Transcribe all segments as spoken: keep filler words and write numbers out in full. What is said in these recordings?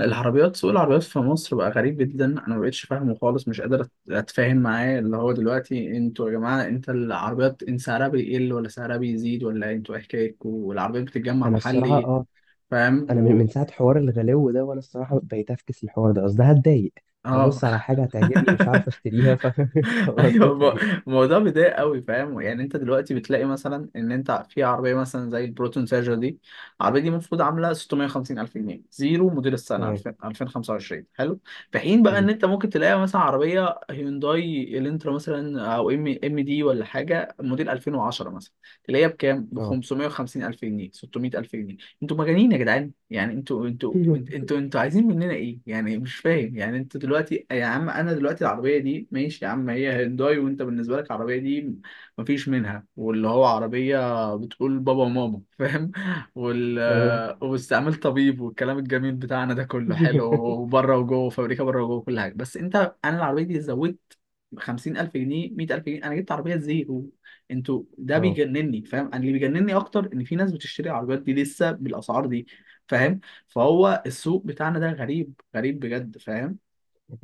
العربيات سوق العربيات في مصر بقى غريب جدا. انا ما بقتش فاهمه خالص. مش قادر أت- اتفاهم معاه، اللي هو دلوقتي انتوا يا جماعه، انت العربيات ان سعرها بيقل ولا سعرها بيزيد؟ ولا انتوا ايه حكايتكم والعربيات بتتجمع انا الصراحه، محلي؟ اه. فاهم انا من و... من ساعه حوار الغلو ده وانا الصراحه بقيت افكس الحوار ده، قصدي هتضايق. اه. هبص على حاجه هتعجبني مش عارف اشتريها، ف طب ايوه، لازمتها ب- ايه؟ الموضوع بيضايق قوي، فاهم. يعني انت دلوقتي بتلاقي مثلا ان انت في عربيه مثلا زي البروتون سيرجر دي. العربيه دي المفروض عامله ستمية وخمسين الف جنيه زيرو موديل السنه تمام. الفين الفين وخمسه وعشرين، حلو. في حين بقى حلو. ان انت ممكن تلاقي مثلا عربيه هيونداي الانترا مثلا او ام ام دي ولا حاجه موديل الفين وعشره مثلا. تلاقيها بكام؟ ب اه. خمسمية وخمسين الف جنيه، ستمية الف جنيه. انتوا مجانين يا جدعان. يعني انتوا انتوا انت- انتوا انتوا عايزين مننا ايه؟ يعني مش فاهم. يعني انتوا دلوقتي يا عم، انا دلوقتي العربيه دي ماشي يا عم هي هيونداي، وانت بالنسبه لك العربيه دي مفيش منها، واللي هو عربيه بتقول بابا وماما، فاهم. وال تمام. واستعمال طبيب والكلام الجميل بتاعنا ده كله، حلو وبره وجوه فابريكا، بره وجوه كل حاجه، بس انت، انا العربيه دي زودت خمسين الف جنيه، مية الف جنيه؟ انا جبت عربيه زيرو. انتوا ده اه، بيجنني، فاهم. انا اللي بيجنني اكتر ان في ناس بتشتري العربيات دي لسه بالاسعار دي، فاهم. فهو السوق بتاعنا ده غريب غريب بجد، فاهم.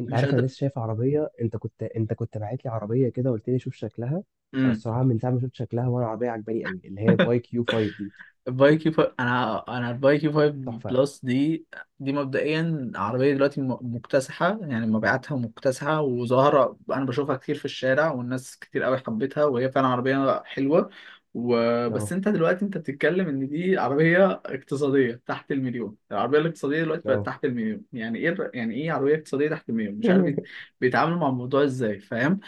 انت مش عارف، انا قادر. لسه شايف عربيه، انت كنت انت كنت باعت لي عربيه كده وقلت لي شوف شكلها. انا امم. الصراحه من ساعه ما شفت شكلها وانا عربيه عجباني قوي، اللي هي باي كيو فايف دي. البايكيو فايف، انا انا البايكيو فايف تحفه. بلس دي، دي مبدئيا عربيه دلوقتي م- مكتسحه، يعني مبيعاتها مكتسحه وظاهره. انا بشوفها كتير في الشارع والناس كتير قوي حبتها، وهي فعلا عربيه حلوه. وبس اه. انت دلوقتي انت بتتكلم ان دي عربيه اقتصاديه تحت المليون، العربيه الاقتصاديه دلوقتي بقت اه. تحت المليون؟ يعني ايه الر- يعني ايه عربيه اقتصاديه تحت المليون؟ مش عارف بيت- بيتعاملوا مع الموضوع ازاي، فاهم.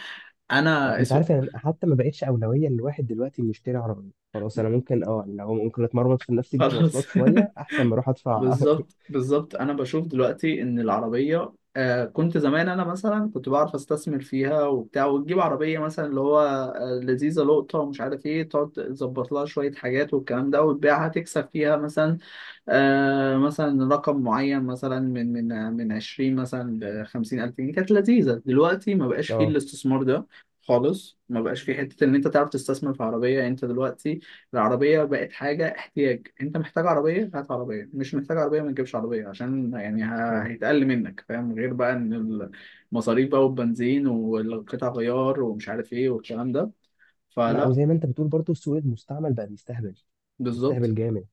اه، انا انت اسو... عارف يعني، حتى ما بقتش اولويه للواحد دلوقتي انه يشتري عربيه. خلاص، انا ممكن، اه يعني، لو ممكن اتمرمط في نفسي في خلاص. مواصلات شويه احسن ما اروح ادفع. بالظبط بالظبط. انا بشوف دلوقتي ان العربيه، آه كنت زمان انا مثلا كنت بعرف استثمر فيها وبتاع، وتجيب عربيه مثلا اللي هو آه، لذيذه لقطه ومش عارف ايه، تقعد تظبط لها شويه حاجات والكلام ده وتبيعها، تكسب فيها مثلا آه مثلا رقم معين مثلا من من من عشرين مثلا ل خمسين ألف جنيه، كانت لذيذة. دلوقتي ما بقاش فيه اه. الاستثمار ده خالص. ما بقاش فيه حتة إن أنت تعرف تستثمر في عربية. أنت دلوقتي العربية بقت حاجة احتياج. أنت محتاج عربية، هات عربية. مش محتاج عربية، ما تجيبش عربية عشان يعني ه- اه. هيتقل منك، فاهم. غير بقى إن المصاريف بقى والبنزين والقطع غيار ومش عارف إيه والكلام ده. لا، فلا. وزي ما انت بتقول برضو السوق المستعمل بقى بيستهبل. بالظبط. بيستهبل جامد.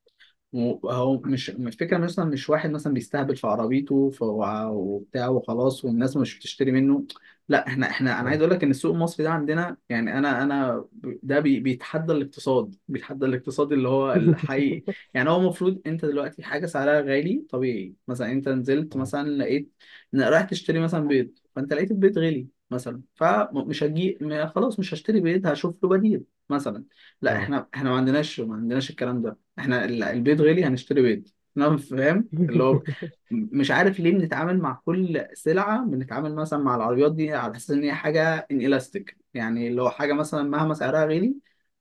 مو- هو مش الفكرة، مثلا مش واحد مثلا بيستهبل في عربيته ف- وبتاع وخلاص، والناس مش بتشتري منه. لا، احنا احنا انا عايز اه. اقول لك ان السوق المصري ده عندنا يعني. انا انا ب- ده بي- بيتحدى الاقتصاد، بيتحدى الاقتصاد اللي هو الحقيقي. يعني هو المفروض انت دلوقتي حاجة سعرها غالي طبيعي، مثلا انت نزلت اه. مثلا لقيت، إن رايح تشتري مثلا بيض فانت لقيت البيض غالي مثلا، فمش هجي م- خلاص مش هشتري بيض، هشوف له بديل مثلا. لا، اه. احنا احنا ما عندناش، ما عندناش الكلام ده. احنا ال- البيض غالي هنشتري بيض. انا فاهم اللي هو م- مش عارف ليه بنتعامل مع كل سلعة، بنتعامل مثلا مع العربيات دي على أساس إن هي حاجة إنلاستيك. يعني لو حاجة مثلا مهما سعرها غالي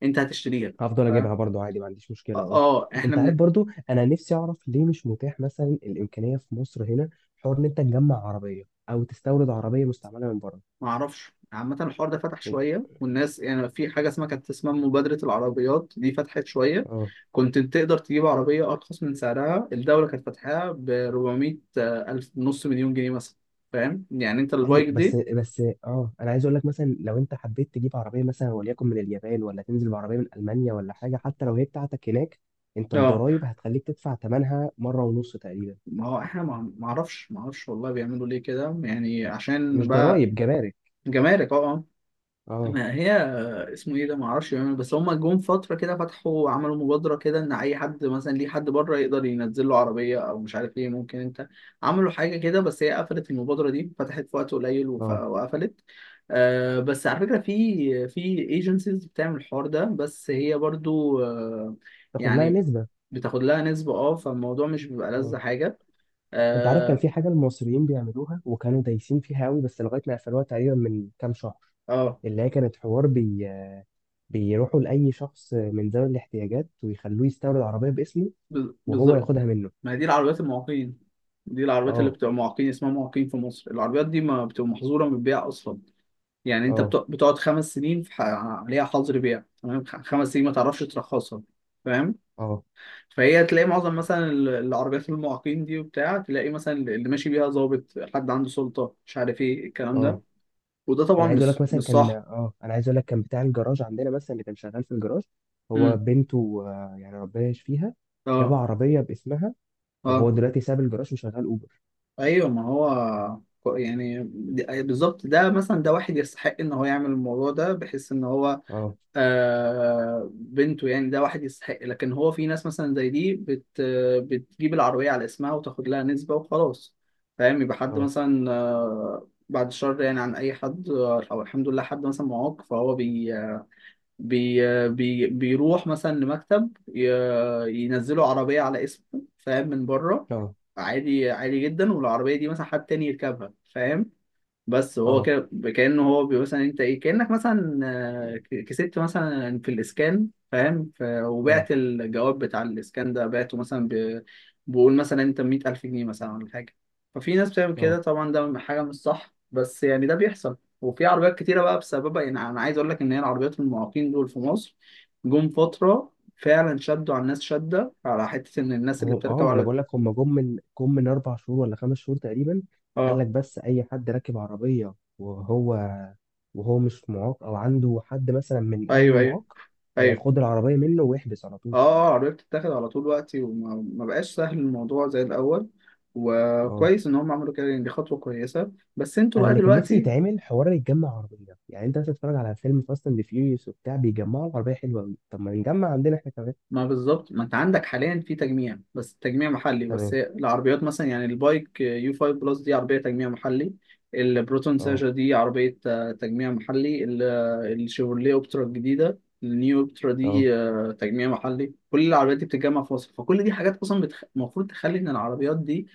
أنت هتشتريها. هفضل ف... اجيبها برضو عادي، ما عنديش مشكله. اه، آه إحنا انت عارف من... برضو، انا نفسي اعرف ليه مش متاح مثلا الامكانيه في مصر هنا، حوار ان انت تجمع عربيه او تستورد عربيه مستعمله من بره. معرفش عامة. الحوار ده فتح شوية والناس يعني، في حاجة اسمها كانت اسمها مبادرة العربيات دي، فتحت شوية. اه. كنت تقدر تجيب عربية أرخص من سعرها. الدولة كانت فاتحاها ب اربعمية ألف، نص مليون جنيه مثلا. فاهم يعني أنت ايوه، البايك بس دي، بس اه، انا عايز اقول لك مثلا لو انت حبيت تجيب عربيه مثلا، وليكن من اليابان، ولا تنزل بعربيه من المانيا، ولا حاجه، حتى لو هي بتاعتك هناك، انت اه. الضرايب هتخليك تدفع ثمنها مره ونص تقريبا. ما هو احنا ما ما اعرفش، ما اعرفش والله. بيعملوا ليه كده يعني عشان مش بقى ضرايب، جمارك. جمارك، اه آه. اه. ما هي آه، اسمه ايه ده، ما اعرفش بيعملوا. بس هم جم فتره كده فتحوا، عملوا مبادره كده ان اي حد مثلا ليه حد بره يقدر ينزل له عربيه او مش عارف ايه، ممكن انت. عملوا حاجه كده بس هي قفلت، المبادره دي فتحت في وقت قليل وف- اه. وقفلت. آه، بس على فكره في في ايجنسيز بتعمل الحوار ده، بس هي برضو آه، تاخد لها يعني نسبه. بتاخد لها نسبة، اه. فالموضوع مش بيبقى اه، لذة حاجة. انت عارف كان اه. في حاجه المصريين بيعملوها وكانوا دايسين فيها قوي، بس لغايه ما قفلوها تقريبا من كام شهر. آه، اللي هي كانت حوار بي بيروحوا لاي شخص من ذوي الاحتياجات ويخلوه يستورد عربيه باسمه بال- وهو بالظبط. ياخدها منه. ما هي دي العربيات المعاقين، دي العربيات اللي اه. بتبقى معاقين اسمها، معاقين في مصر. العربيات دي ما بتبقى محظوره من البيع اصلا. يعني انت اه. بت- بتقعد خمس سنين في ح- عليها حظر بيع، تمام. خ- خمس سنين ما تعرفش ترخصها، فاهم. اه. فهي تلاقي معظم مثلا ال- العربيات المعاقين دي وبتاع، تلاقي مثلا اللي ماشي بيها ضابط، حد عنده سلطه، مش عارف ايه الكلام ده. اه. وده طبعا انا عايز اقول لك مش مثلا مش كان، صح. اه انا عايز اقول لك، كان بتاع الجراج عندنا مثلا اللي كان شغال في الجراج، هو امم، بنته، آه، يعني ربنا يشفيها. جاب اه، عربيه باسمها، وهو اه، دلوقتي ساب الجراج وشغال اوبر. ايوه. ما هو كو- يعني د- بالظبط. ده مثلا ده واحد يستحق ان هو يعمل الموضوع ده، بحيث ان هو اه. آه بنته يعني، ده واحد يستحق. لكن هو في ناس مثلا زي دي بت بتجيب العربية على اسمها وتاخد لها نسبة وخلاص، فاهم. يبقى حد اه. مثلا آه بعد شر يعني عن اي حد، او الحمد لله حد مثلا معاق، فهو بي بي بي بيروح مثلا لمكتب، ي- ينزلوا عربية على اسمه، فاهم، من بره، اه. عادي عادي جدا. والعربية دي مثلا حد تاني يركبها، فاهم. بس هو اه. كده كأنه هو، بي- مثلا انت ايه، كأنك مثلا آه، ك- كسبت مثلا في الاسكان، فاهم، ف- اه. وبعت الجواب بتاع الاسكان ده، بعته مثلا ب... بقول مثلا انت مية ألف جنيه مثلا ولا حاجة. ففي ناس بتعمل كده اه. طبعا، ده حاجة مش صح، بس يعني ده بيحصل. وفي عربيات كتيرة بقى بسببها، يعني أنا عايز أقول لك إن هي العربيات المعاقين دول في مصر جم فترة فعلا شدوا على الناس شدة، على حتة إن الناس اللي هو اه، بتركب ما انا عربيات، بقول لك، هم جم من جم من اربع شهور ولا خمس شهور تقريبا. قال اه، لك، بس اي حد راكب عربيه وهو وهو مش معاق او عنده حد مثلا من اهله أيوه أيوه معاق، آه، أيوه، خد العربيه منه واحبس على طول. اه، قررت تتاخد على طول وقتي. وما ما بقاش سهل الموضوع زي الاول. اه. وكويس ان هم عملوا كده يعني، دي خطوه كويسه. بس انتوا انا بقى اللي كان نفسي دلوقتي، يتعمل حوار يتجمع عربيه، يعني انت مثلا تتفرج على فيلم فاست اند فيوريوس وبتاع، بيجمعوا العربيه حلوه قوي، طب ما نجمع عندنا احنا كمان. ما بالظبط، ما انت عندك حاليا في تجميع، بس تجميع محلي. بس تمام. هي العربيات مثلا يعني البايك يو خمسه بلس دي عربيه تجميع محلي. البروتون اه. ساجا دي عربيه آه، تجميع محلي. ال- آه، الشيفروليه اوبترا الجديده، النيو اوبترا اه. دي آه، تجميع محلي. كل العربيات دي بتتجمع في مصر، فكل دي حاجات اصلا بتخ- المفروض تخلي ان العربيات دي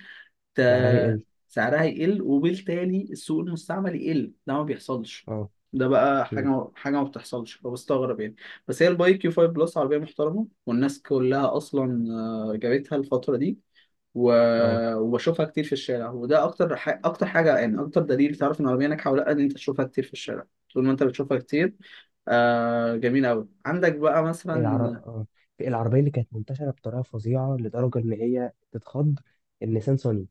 سعرها ت- يقل. سعرها يقل، وبالتالي السوق المستعمل يقل. ده ما بيحصلش. اه. ده بقى مم. حاجة، حاجة ما بتحصلش، فبستغرب يعني. بس هي الباي كيو خمسه بلس عربية محترمة، والناس كلها أصلا آه، جابتها الفترة دي و... اه. وبشوفها كتير في الشارع. وده أكتر ح... أكتر حاجة يعني، أكتر دليل تعرف إن العربية ناجحة ولا لأ، إن أنت تشوفها كتير في الشارع. طول ما أنت بتشوفها كتير، آه جميل أوي. عندك بقى هي العر... مثلا اه، في العربيه اللي كانت منتشره بطريقه فظيعه لدرجه ان هي تتخض، النيسان صني.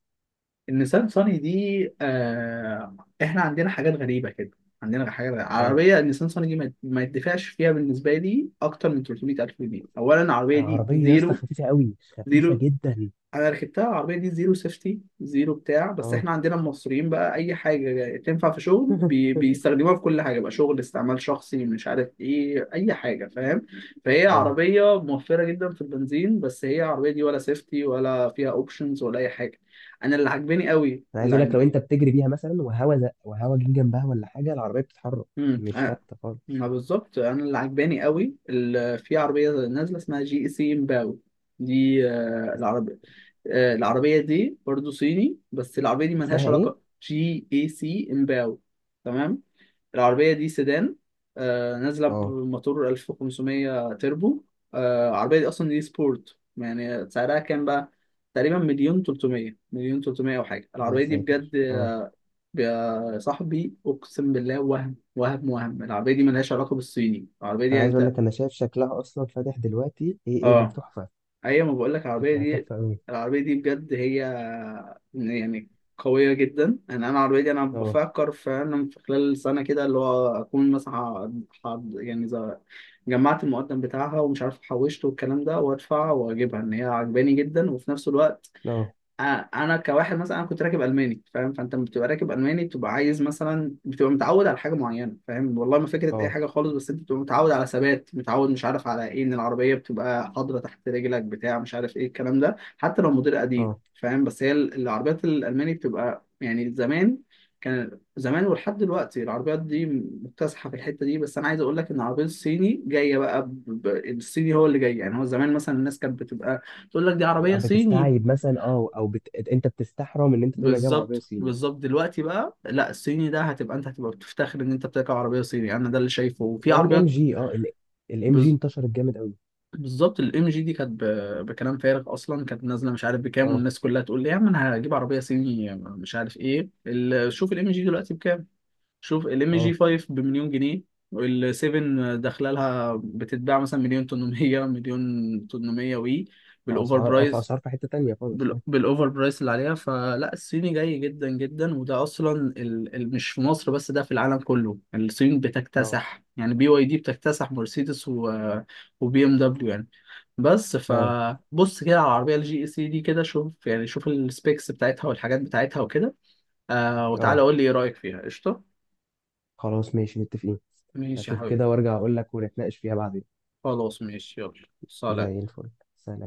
النيسان صاني دي، آه. احنا عندنا حاجات غريبة كده، عندنا حاجات غريبة. اه. عربية النيسان صاني دي ما ما يدفعش فيها بالنسبة لي أكتر من تلتمية ألف جنيه. أولا العربية دي العربيه يا اسطى زيرو، خفيفه قوي، خفيفه زيرو. جدا. أنا ركبتها العربية دي زيرو سيفتي زيرو بتاع، بس اه. احنا عندنا المصريين بقى أي حاجة تنفع في شغل بي... بيستخدموها في كل حاجة، بقى شغل، استعمال شخصي، مش عارف إيه، أي حاجة، فاهم. فهي اه، عربية موفرة جدا في البنزين، بس هي العربية دي ولا سيفتي ولا فيها أوبشنز ولا أي حاجة. انا اللي عاجباني قوي انا عايز اللي اقول لك، لو انت بتجري بيها مثلا وهوا زق وهوا جه جنبها ولا حاجه، العربيه بتتحرك، مم. مش آه، ثابته خالص. ما بالظبط. انا اللي عجباني قوي ال- في عربيه نازله اسمها جي اي سي امباو. دي آه، اس- العربيه آه، العربيه دي برضو صيني، بس العربيه دي ملهاش اسمها ايه؟ علاقه. جي اي سي امباو، تمام. العربيه دي سيدان آه، نازله اه. بموتور الف وخمسمية تربو. آه، العربيه دي اصلا دي سبورت، يعني سعرها كام بقى؟ تقريبا مليون تلتمية، مليون تلتمية او حاجه. يا العربيه دي بجد ساتر. اه. يا صاحبي اقسم بالله. وهم وهم وهم، العربيه دي ملهاش علاقه بالصيني. العربيه دي انا يعني عايز اقول انت، لك، انا شايف شكلها اصلا فاتح دلوقتي، ايه ايه ده، اه، تحفه. ايوه، ما بقول لك العربيه شكلها تحفه دي قوي. العربيه دي بجد هي يعني قويه جدا. انا انا العربيه دي، انا اه. بفكر فعلا في خلال سنه كده، اللي هو اكون مثلا ح- ح- يعني زي- جمعت المقدم بتاعها ومش عارف حوشته والكلام ده، وادفع واجيبها، ان هي عجباني جدا. وفي نفس الوقت اه. انا أنا كواحد مثلا انا كنت راكب الماني، فاهم. فانت لما بتبقى راكب الماني بتبقى عايز مثلا، بتبقى متعود على حاجه معينه، فاهم، والله ما فكره اي اه. حاجه خالص. بس انت بتبقى متعود على ثبات، متعود مش عارف على ايه، ان العربيه بتبقى حاضره تحت رجلك بتاع، مش عارف ايه الكلام ده، حتى لو موديل قديم، اه. فاهم. بس هي ال- العربيات الالماني بتبقى يعني زمان، كان زمان ولحد دلوقتي العربيات دي مكتسحه في الحته دي. بس انا عايز اقول لك ان العربيه الصيني جايه بقى ب... ب- الصيني هو اللي جاي. يعني هو زمان مثلا الناس كانت بتبقى تقول لك دي عربيه صيني. بتستعيب مثلا، اه، او بت... انت بتستحرم ان انت تقول انا جايب عربيه بالظبط صيني. بالظبط. دلوقتي بقى لا، الصيني ده هتبقى، انت هتبقى بتفتخر ان انت بتركب عربيه صيني. انا ده اللي شايفه. وفي زي الام عربيات جي. اه. الام جي بز- انتشرت جامد قوي. بالظبط. الام جي دي كانت ب- بكلام فارغ اصلا، كانت نازله مش عارف بكام، اه. والناس كلها تقول لي يا عم انا هجيب عربيه صيني مش عارف ايه. ال- شوف الام جي دلوقتي بكام. شوف الام جي اه. خمسه بمليون جنيه، وال سبعه داخله لها بتتباع مثلا مليون تمنمية، مليون تمنمية وي في بالاوفر اسعار، اه، في برايس، اسعار في حته تانية خالص. بال- اه. بالاوفر برايس اللي عليها. فلا، الصيني جاي جدا جدا، وده اصلا ال... ال... مش في مصر بس، ده في العالم كله. يعني الصين اه. بتكتسح، يعني بي واي دي بتكتسح مرسيدس و... وبي ام دبليو يعني. بس اه. فبص كده على العربيه الجي اي سي دي كده، شوف يعني شوف السبيكس بتاعتها والحاجات بتاعتها وكده، آه، وتعالى اه. قول لي ايه رايك فيها. قشطه. خلاص ماشي، متفقين. ماشي يا اشوف حبيبي. كده وارجع اقول لك ونتناقش فيها بعدين. خلاص ماشي يلا، زي سلام. الفل. سلام.